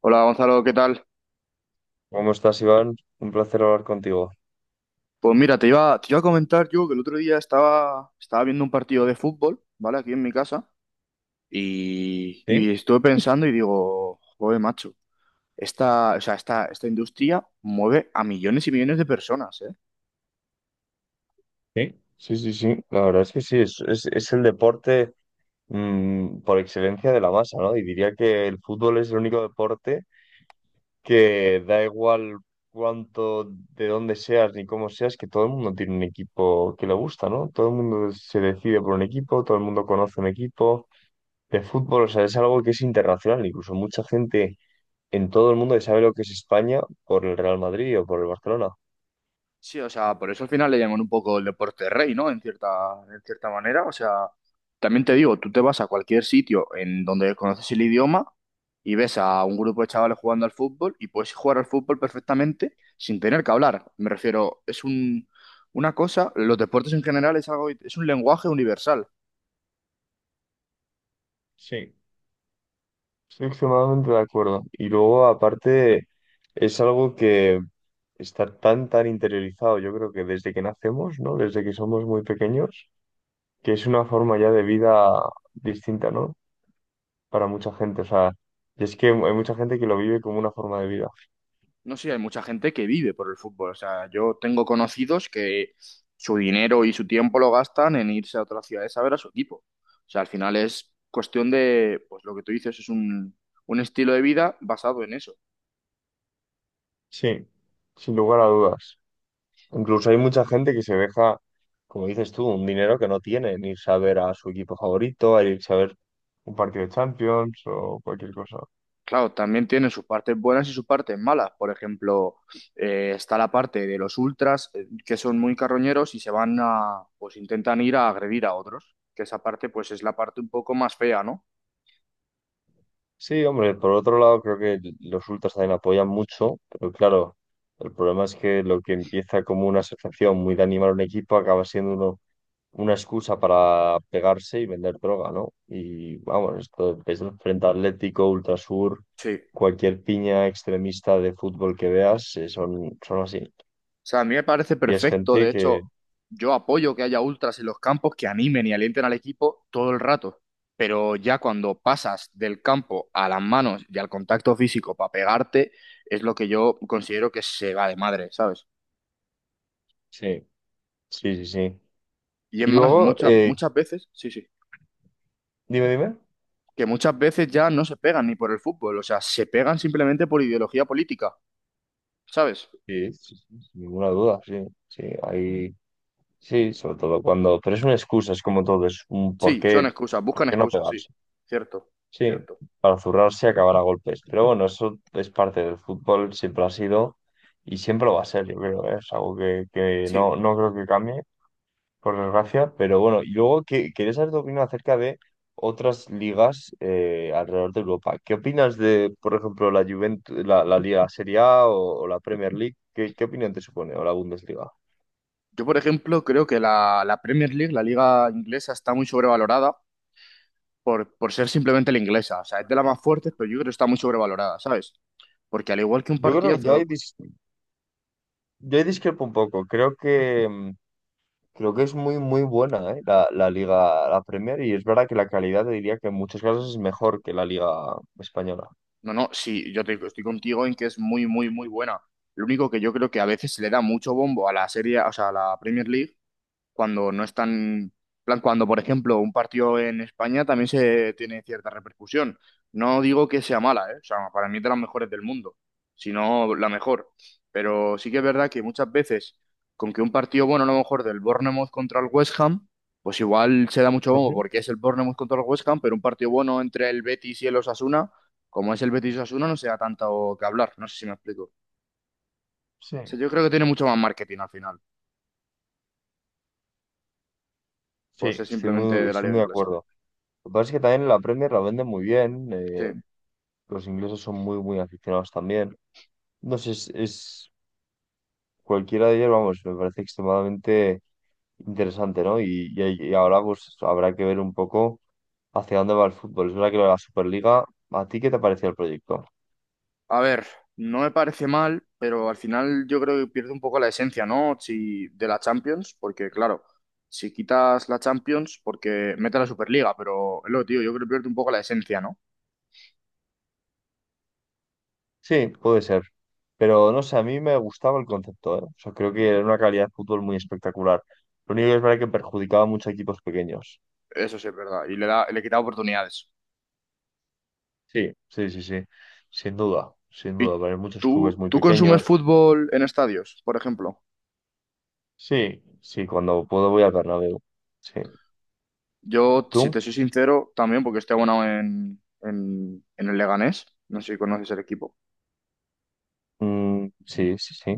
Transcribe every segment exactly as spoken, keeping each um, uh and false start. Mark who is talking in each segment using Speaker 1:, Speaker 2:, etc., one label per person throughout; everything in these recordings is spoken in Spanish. Speaker 1: Hola Gonzalo, ¿qué tal?
Speaker 2: ¿Cómo estás, Iván? Un placer hablar contigo.
Speaker 1: Pues mira, te iba, te iba a comentar yo que el otro día estaba, estaba viendo un partido de fútbol, ¿vale? Aquí en mi casa y,
Speaker 2: Sí,
Speaker 1: y estuve pensando y digo, joder, macho, esta, o sea, esta, esta industria mueve a millones y millones de personas, ¿eh?
Speaker 2: sí, sí, sí, sí. La verdad es que sí, es, es- es el deporte mm, por excelencia de la masa, ¿no? Y diría que el fútbol es el único deporte que da igual cuánto, de dónde seas ni cómo seas, que todo el mundo tiene un equipo que le gusta, ¿no? Todo el mundo se decide por un equipo, todo el mundo conoce un equipo de fútbol, o sea, es algo que es internacional, incluso mucha gente en todo el mundo que sabe lo que es España por el Real Madrid o por el Barcelona.
Speaker 1: Sí, o sea, por eso al final le llaman un poco el deporte rey, ¿no? En cierta, en cierta manera. O sea, también te digo, tú te vas a cualquier sitio en donde conoces el idioma y ves a un grupo de chavales jugando al fútbol y puedes jugar al fútbol perfectamente sin tener que hablar. Me refiero, es un, una cosa, los deportes en general es algo, es un lenguaje universal.
Speaker 2: Sí. Estoy extremadamente de acuerdo. Y luego, aparte, es algo que está tan, tan interiorizado, yo creo que desde que nacemos, ¿no? Desde que somos muy pequeños, que es una forma ya de vida distinta, ¿no? Para mucha gente. O sea, y es que hay mucha gente que lo vive como una forma de vida.
Speaker 1: No sé, hay mucha gente que vive por el fútbol. O sea, yo tengo conocidos que su dinero y su tiempo lo gastan en irse a otras ciudades a ver a su equipo. O sea, al final es cuestión de, pues lo que tú dices, es un, un estilo de vida basado en eso.
Speaker 2: Sí, sin lugar a dudas. Incluso hay mucha gente que se deja, como dices tú, un dinero que no tiene, en irse a ver a su equipo favorito, a irse a ver un partido de Champions o cualquier cosa.
Speaker 1: Claro, también tiene sus partes buenas y sus partes malas. Por ejemplo, eh, está la parte de los ultras, eh, que son muy carroñeros y se van a, pues intentan ir a agredir a otros. Que esa parte, pues es la parte un poco más fea, ¿no?
Speaker 2: Sí, hombre, por otro lado creo que los ultras también apoyan mucho, pero claro, el problema es que lo que empieza como una asociación muy de animar a un equipo acaba siendo uno, una excusa para pegarse y vender droga, ¿no? Y vamos, esto es el Frente Atlético, Ultrasur,
Speaker 1: Sí.
Speaker 2: cualquier piña extremista de fútbol que veas, eh, son, son así.
Speaker 1: O sea, a mí me parece
Speaker 2: Y es
Speaker 1: perfecto. De
Speaker 2: gente
Speaker 1: hecho,
Speaker 2: que.
Speaker 1: yo apoyo que haya ultras en los campos que animen y alienten al equipo todo el rato. Pero ya cuando pasas del campo a las manos y al contacto físico para pegarte, es lo que yo considero que se va de madre, ¿sabes?
Speaker 2: Sí, sí, sí, sí.
Speaker 1: Y es
Speaker 2: Y
Speaker 1: más,
Speaker 2: luego,
Speaker 1: muchas,
Speaker 2: eh,
Speaker 1: muchas veces, sí, sí,
Speaker 2: dime, dime.
Speaker 1: que muchas veces ya no se pegan ni por el fútbol. O sea, se pegan simplemente por ideología política, ¿sabes?
Speaker 2: Sí, sí, sí, sin ninguna duda, sí, sí, hay. Sí, sobre todo cuando, pero es una excusa, es como todo, es un por
Speaker 1: Sí,
Speaker 2: qué,
Speaker 1: son excusas,
Speaker 2: por
Speaker 1: buscan
Speaker 2: qué no
Speaker 1: excusas, sí.
Speaker 2: pegarse.
Speaker 1: Cierto,
Speaker 2: Sí,
Speaker 1: cierto.
Speaker 2: para zurrarse y acabar a golpes. Pero bueno, eso es parte del fútbol, siempre ha sido y siempre lo va a ser, yo creo, ¿eh? Es algo que, que
Speaker 1: Sí.
Speaker 2: no, no creo que cambie, por desgracia. Pero bueno, y luego que, quería saber tu opinión acerca de otras ligas eh, alrededor de Europa. ¿Qué opinas de, por ejemplo, la Juventus, la, la Liga Serie A o, o la Premier League? ¿Qué, qué opinión te supone? O la Bundesliga.
Speaker 1: Yo, por ejemplo, creo que la, la Premier League, la liga inglesa, está muy sobrevalorada por, por ser simplemente la inglesa. O sea, es de las más fuertes, pero yo creo que está muy sobrevalorada, ¿sabes? Porque al igual que un
Speaker 2: Yo creo que
Speaker 1: partidazo,
Speaker 2: ya hay
Speaker 1: lo-
Speaker 2: dis- Yo discrepo un poco. Creo que mm, creo que es muy muy buena, ¿eh? la, la Liga, la Premier, y es verdad que la calidad te diría que en muchos casos es mejor que la Liga española.
Speaker 1: no, no, sí, yo te, estoy contigo en que es muy, muy, muy buena. Lo único que yo creo que a veces se le da mucho bombo a la serie, o sea, a la Premier League, cuando no están, plan, cuando por ejemplo un partido en España también se tiene cierta repercusión. No digo que sea mala, ¿eh? O sea, para mí es de las mejores del mundo, sino la mejor. Pero sí que es verdad que muchas veces con que un partido bueno, a lo mejor del Bournemouth contra el West Ham, pues igual se da mucho bombo
Speaker 2: Ujú.
Speaker 1: porque es el Bournemouth contra el West Ham, pero un partido bueno entre el Betis y el Osasuna, como es el Betis Osasuna, no se da tanto que hablar. No sé si me explico.
Speaker 2: Sí.
Speaker 1: O sea, yo creo que tiene mucho más marketing al final,
Speaker 2: Sí,
Speaker 1: por ser
Speaker 2: estoy
Speaker 1: simplemente
Speaker 2: muy,
Speaker 1: de la
Speaker 2: estoy
Speaker 1: liga
Speaker 2: muy de
Speaker 1: inglesa.
Speaker 2: acuerdo. Lo que pasa es que también la Premier la venden muy bien,
Speaker 1: Sí.
Speaker 2: eh, los ingleses son muy, muy aficionados también. No sé, es, es- cualquiera de ellos, vamos, me parece extremadamente interesante, ¿no? Y, y, ahí- y ahora pues habrá que ver un poco hacia dónde va el fútbol. Es verdad que lo de la Superliga, ¿a ti qué te pareció el proyecto?
Speaker 1: A ver, no me parece mal, pero al final yo creo que pierde un poco la esencia, ¿no? Si, de la Champions, porque claro, si quitas la Champions, porque mete la Superliga, pero es lo que te digo, yo creo que pierde un poco la esencia, ¿no?
Speaker 2: Sí, puede ser. Pero no sé, a mí me gustaba el concepto, ¿eh? O sea, creo que era una calidad de fútbol muy espectacular. Lo único que es verdad que perjudicaba mucho a equipos pequeños.
Speaker 1: Eso sí es verdad, y le da, le quita oportunidades.
Speaker 2: Sí, sí, sí, sí. Sin duda, sin
Speaker 1: ¿Y
Speaker 2: duda. Pero hay muchos clubes
Speaker 1: tú,
Speaker 2: muy
Speaker 1: tú consumes
Speaker 2: pequeños.
Speaker 1: fútbol en estadios, por ejemplo?
Speaker 2: Sí, sí, cuando puedo voy al Bernabéu. Sí.
Speaker 1: Yo, si
Speaker 2: ¿Tú?
Speaker 1: te soy sincero, también porque estoy abonado en, en, en el Leganés, no sé si conoces el equipo.
Speaker 2: Mm, sí, sí, sí.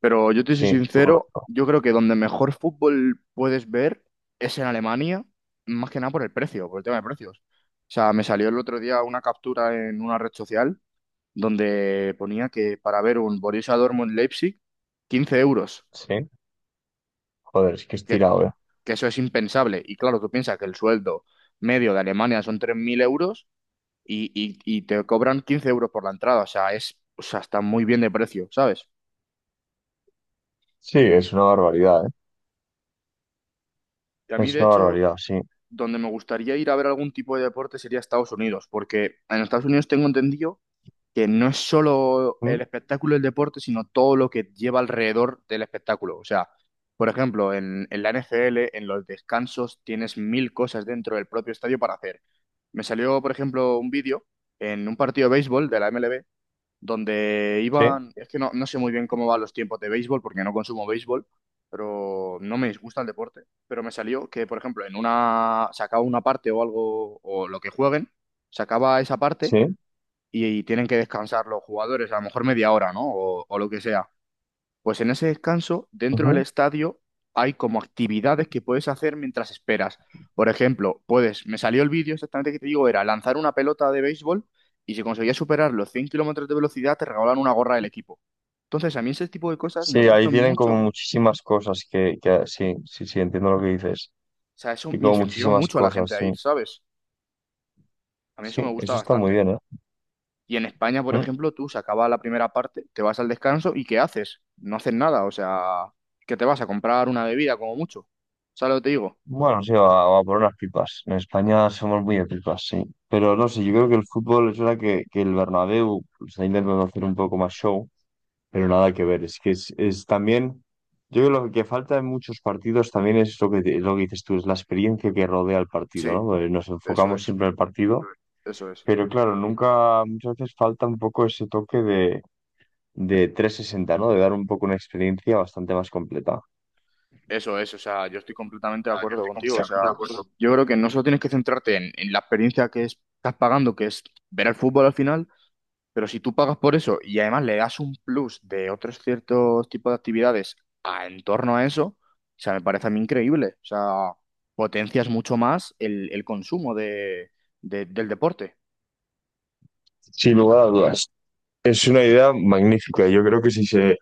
Speaker 1: Pero yo te soy
Speaker 2: Sí, lo
Speaker 1: sincero,
Speaker 2: conozco.
Speaker 1: yo creo que donde mejor fútbol puedes ver es en Alemania, más que nada por el precio, por el tema de precios. O sea, me salió el otro día una captura en una red social donde ponía que para ver un Borussia Dortmund-Leipzig, quince euros,
Speaker 2: Sí. Joder, es que es
Speaker 1: que,
Speaker 2: tirado, ¿eh?
Speaker 1: que eso es impensable. Y claro, tú piensas que el sueldo medio de Alemania son tres mil euros y, y, y te cobran quince euros por la entrada. O sea, es, o sea, está muy bien de precio, ¿sabes?
Speaker 2: Sí, es una barbaridad, ¿eh?
Speaker 1: Y a mí,
Speaker 2: Es
Speaker 1: de
Speaker 2: una
Speaker 1: hecho,
Speaker 2: barbaridad, sí.
Speaker 1: donde me gustaría ir a ver algún tipo de deporte sería Estados Unidos, porque en Estados Unidos tengo entendido que no es solo
Speaker 2: Mm.
Speaker 1: el espectáculo del deporte, sino todo lo que lleva alrededor del espectáculo. O sea, por ejemplo, en, en la N F L, en los descansos, tienes mil cosas dentro del propio estadio para hacer. Me salió, por ejemplo, un vídeo en un partido de béisbol de la M L B donde
Speaker 2: Sí,
Speaker 1: iban, es que no, no sé muy bien cómo van los tiempos de béisbol porque no consumo béisbol, pero no me disgusta el deporte. Pero me salió que, por ejemplo, en una, se acaba una parte o algo, o lo que jueguen, se acaba esa parte
Speaker 2: sí.
Speaker 1: y tienen que descansar los jugadores, a lo mejor media hora, ¿no? O, o lo que sea. Pues en ese descanso, dentro del estadio, hay como actividades que puedes hacer mientras esperas. Por ejemplo, puedes, me salió el vídeo exactamente que te digo, era lanzar una pelota de béisbol y si conseguías superar los cien kilómetros de velocidad, te regalaban una gorra del equipo. Entonces, a mí ese tipo de cosas me
Speaker 2: Sí, ahí
Speaker 1: gustan
Speaker 2: tienen
Speaker 1: mucho.
Speaker 2: como
Speaker 1: O
Speaker 2: muchísimas cosas que, que sí, sí, sí, entiendo lo que dices.
Speaker 1: sea, eso
Speaker 2: Y
Speaker 1: me
Speaker 2: como
Speaker 1: incentiva
Speaker 2: muchísimas
Speaker 1: mucho a la
Speaker 2: cosas,
Speaker 1: gente a
Speaker 2: sí.
Speaker 1: ir, ¿sabes? A mí eso me
Speaker 2: Sí,
Speaker 1: gusta
Speaker 2: eso está muy
Speaker 1: bastante.
Speaker 2: bien, ¿eh?
Speaker 1: Y en España, por
Speaker 2: Mm.
Speaker 1: ejemplo, tú se acaba la primera parte, te vas al descanso y ¿qué haces? No haces nada, o sea, que te vas a comprar una bebida como mucho. ¿Sabes lo que te digo?
Speaker 2: Bueno, sí, va, va por unas pipas. En España somos muy de pipas, sí. Pero no sé, yo creo que el fútbol es verdad que, que el Bernabéu pues, está intentando hacer un poco más show, pero nada que ver. Es que es, es también, yo creo que lo que falta en muchos partidos también es lo que, te- lo que dices tú, es la experiencia que rodea el partido,
Speaker 1: Sí.
Speaker 2: ¿no? Porque nos
Speaker 1: Eso
Speaker 2: enfocamos
Speaker 1: es,
Speaker 2: siempre en el partido.
Speaker 1: eso es,
Speaker 2: Pero claro, nunca, muchas veces falta un poco ese toque de, de, trescientos sesenta, ¿no? De dar un poco una experiencia bastante más completa.
Speaker 1: eso es, o sea, yo estoy completamente de acuerdo contigo, o sea, yo creo que no solo tienes que centrarte en, en la experiencia que es- estás pagando, que es ver el fútbol al final, pero si tú pagas por eso y además le das un plus de otros ciertos tipos de actividades a, en torno a eso, o sea, me parece a mí increíble, o sea, potencias mucho más el, el consumo de, de- del deporte.
Speaker 2: Sin lugar a dudas. Es una idea magnífica. Yo creo que si se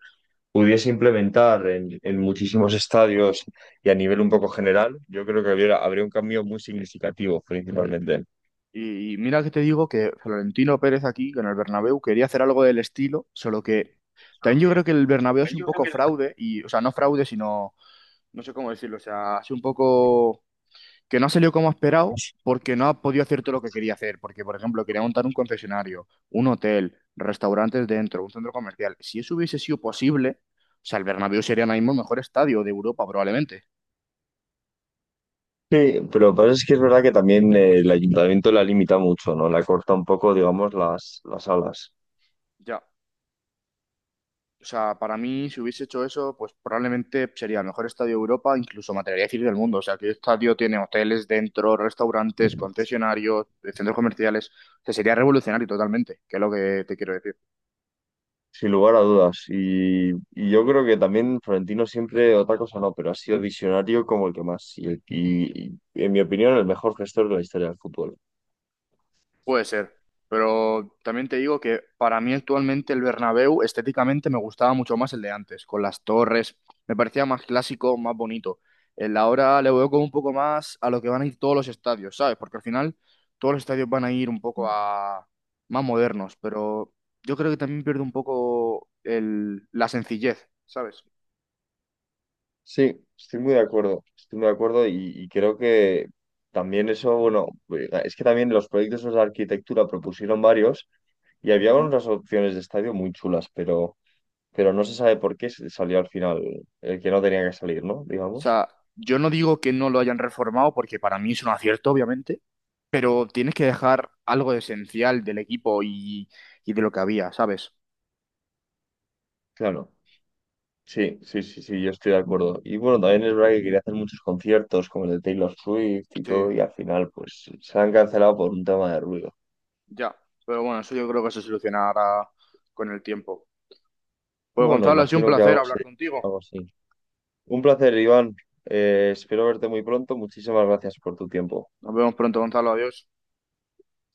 Speaker 2: pudiese implementar en, en muchísimos estadios y a nivel un poco general, yo creo que habría, habría un cambio muy significativo, principalmente.
Speaker 1: Y, y mira que te digo que Florentino Pérez aquí, con el Bernabéu, quería hacer algo del estilo, solo que también yo creo que el Bernabéu es un poco fraude, y, o sea, no fraude, sino, no sé cómo decirlo, o sea, es un poco que no ha salido como ha esperado porque no ha podido hacer todo lo que quería hacer, porque, por ejemplo, quería montar un concesionario, un hotel, restaurantes dentro, un centro comercial. Si eso hubiese sido posible, o sea, el Bernabéu sería ahora mismo el mejor estadio de Europa, probablemente.
Speaker 2: Sí, pero lo que pasa es que es verdad que también eh, el ayuntamiento la limita mucho, ¿no? La corta un poco, digamos, las, las alas.
Speaker 1: Ya. O sea, para mí, si hubiese hecho eso, pues probablemente sería el mejor estadio de Europa, incluso me atrevería a decir del mundo. O sea, que el estadio tiene hoteles dentro, restaurantes, concesionarios, eh, centros comerciales. O sea, sería revolucionario totalmente, que es lo que te quiero decir.
Speaker 2: Sin lugar a dudas. Y, y yo creo que también Florentino siempre, otra cosa no, pero ha sido visionario como el que más. Y, el- y- y, en mi opinión, el mejor gestor de la historia del fútbol.
Speaker 1: Puede ser, pero también te digo que para mí actualmente el Bernabéu estéticamente me gustaba mucho más el de antes, con las torres, me parecía más clásico, más bonito. El de ahora le veo como un poco más a lo que van a ir todos los estadios, ¿sabes? Porque al final todos los estadios van a ir un poco a más modernos, pero yo creo que también pierde un poco el la sencillez, ¿sabes?
Speaker 2: Sí, estoy muy de acuerdo. Estoy muy de acuerdo y, y creo que también eso, bueno, pues, es que también los proyectos esos de arquitectura propusieron varios y había
Speaker 1: Ujú. O
Speaker 2: unas opciones de estadio muy chulas, pero, pero no se sabe por qué salió al final el que no tenía que salir, ¿no? Digamos.
Speaker 1: sea, yo no digo que no lo hayan reformado, porque para mí es un acierto, obviamente, pero tienes que dejar algo esencial del equipo y, y de lo que había, ¿sabes?
Speaker 2: Claro. Sí, sí, sí, sí, yo estoy de acuerdo. Y bueno, también es verdad que quería hacer muchos conciertos como el de Taylor Swift y
Speaker 1: Sí,
Speaker 2: todo, y al final pues se han cancelado por un tema de ruido.
Speaker 1: ya. Pero bueno, eso yo creo que se solucionará con el tiempo. Pues
Speaker 2: Bueno,
Speaker 1: Gonzalo, ha sido un
Speaker 2: imagino que
Speaker 1: placer
Speaker 2: algo,
Speaker 1: hablar
Speaker 2: se-
Speaker 1: contigo.
Speaker 2: algo así. Un placer, Iván. Eh, espero verte muy pronto. Muchísimas gracias por tu tiempo.
Speaker 1: Nos vemos pronto, Gonzalo. Adiós.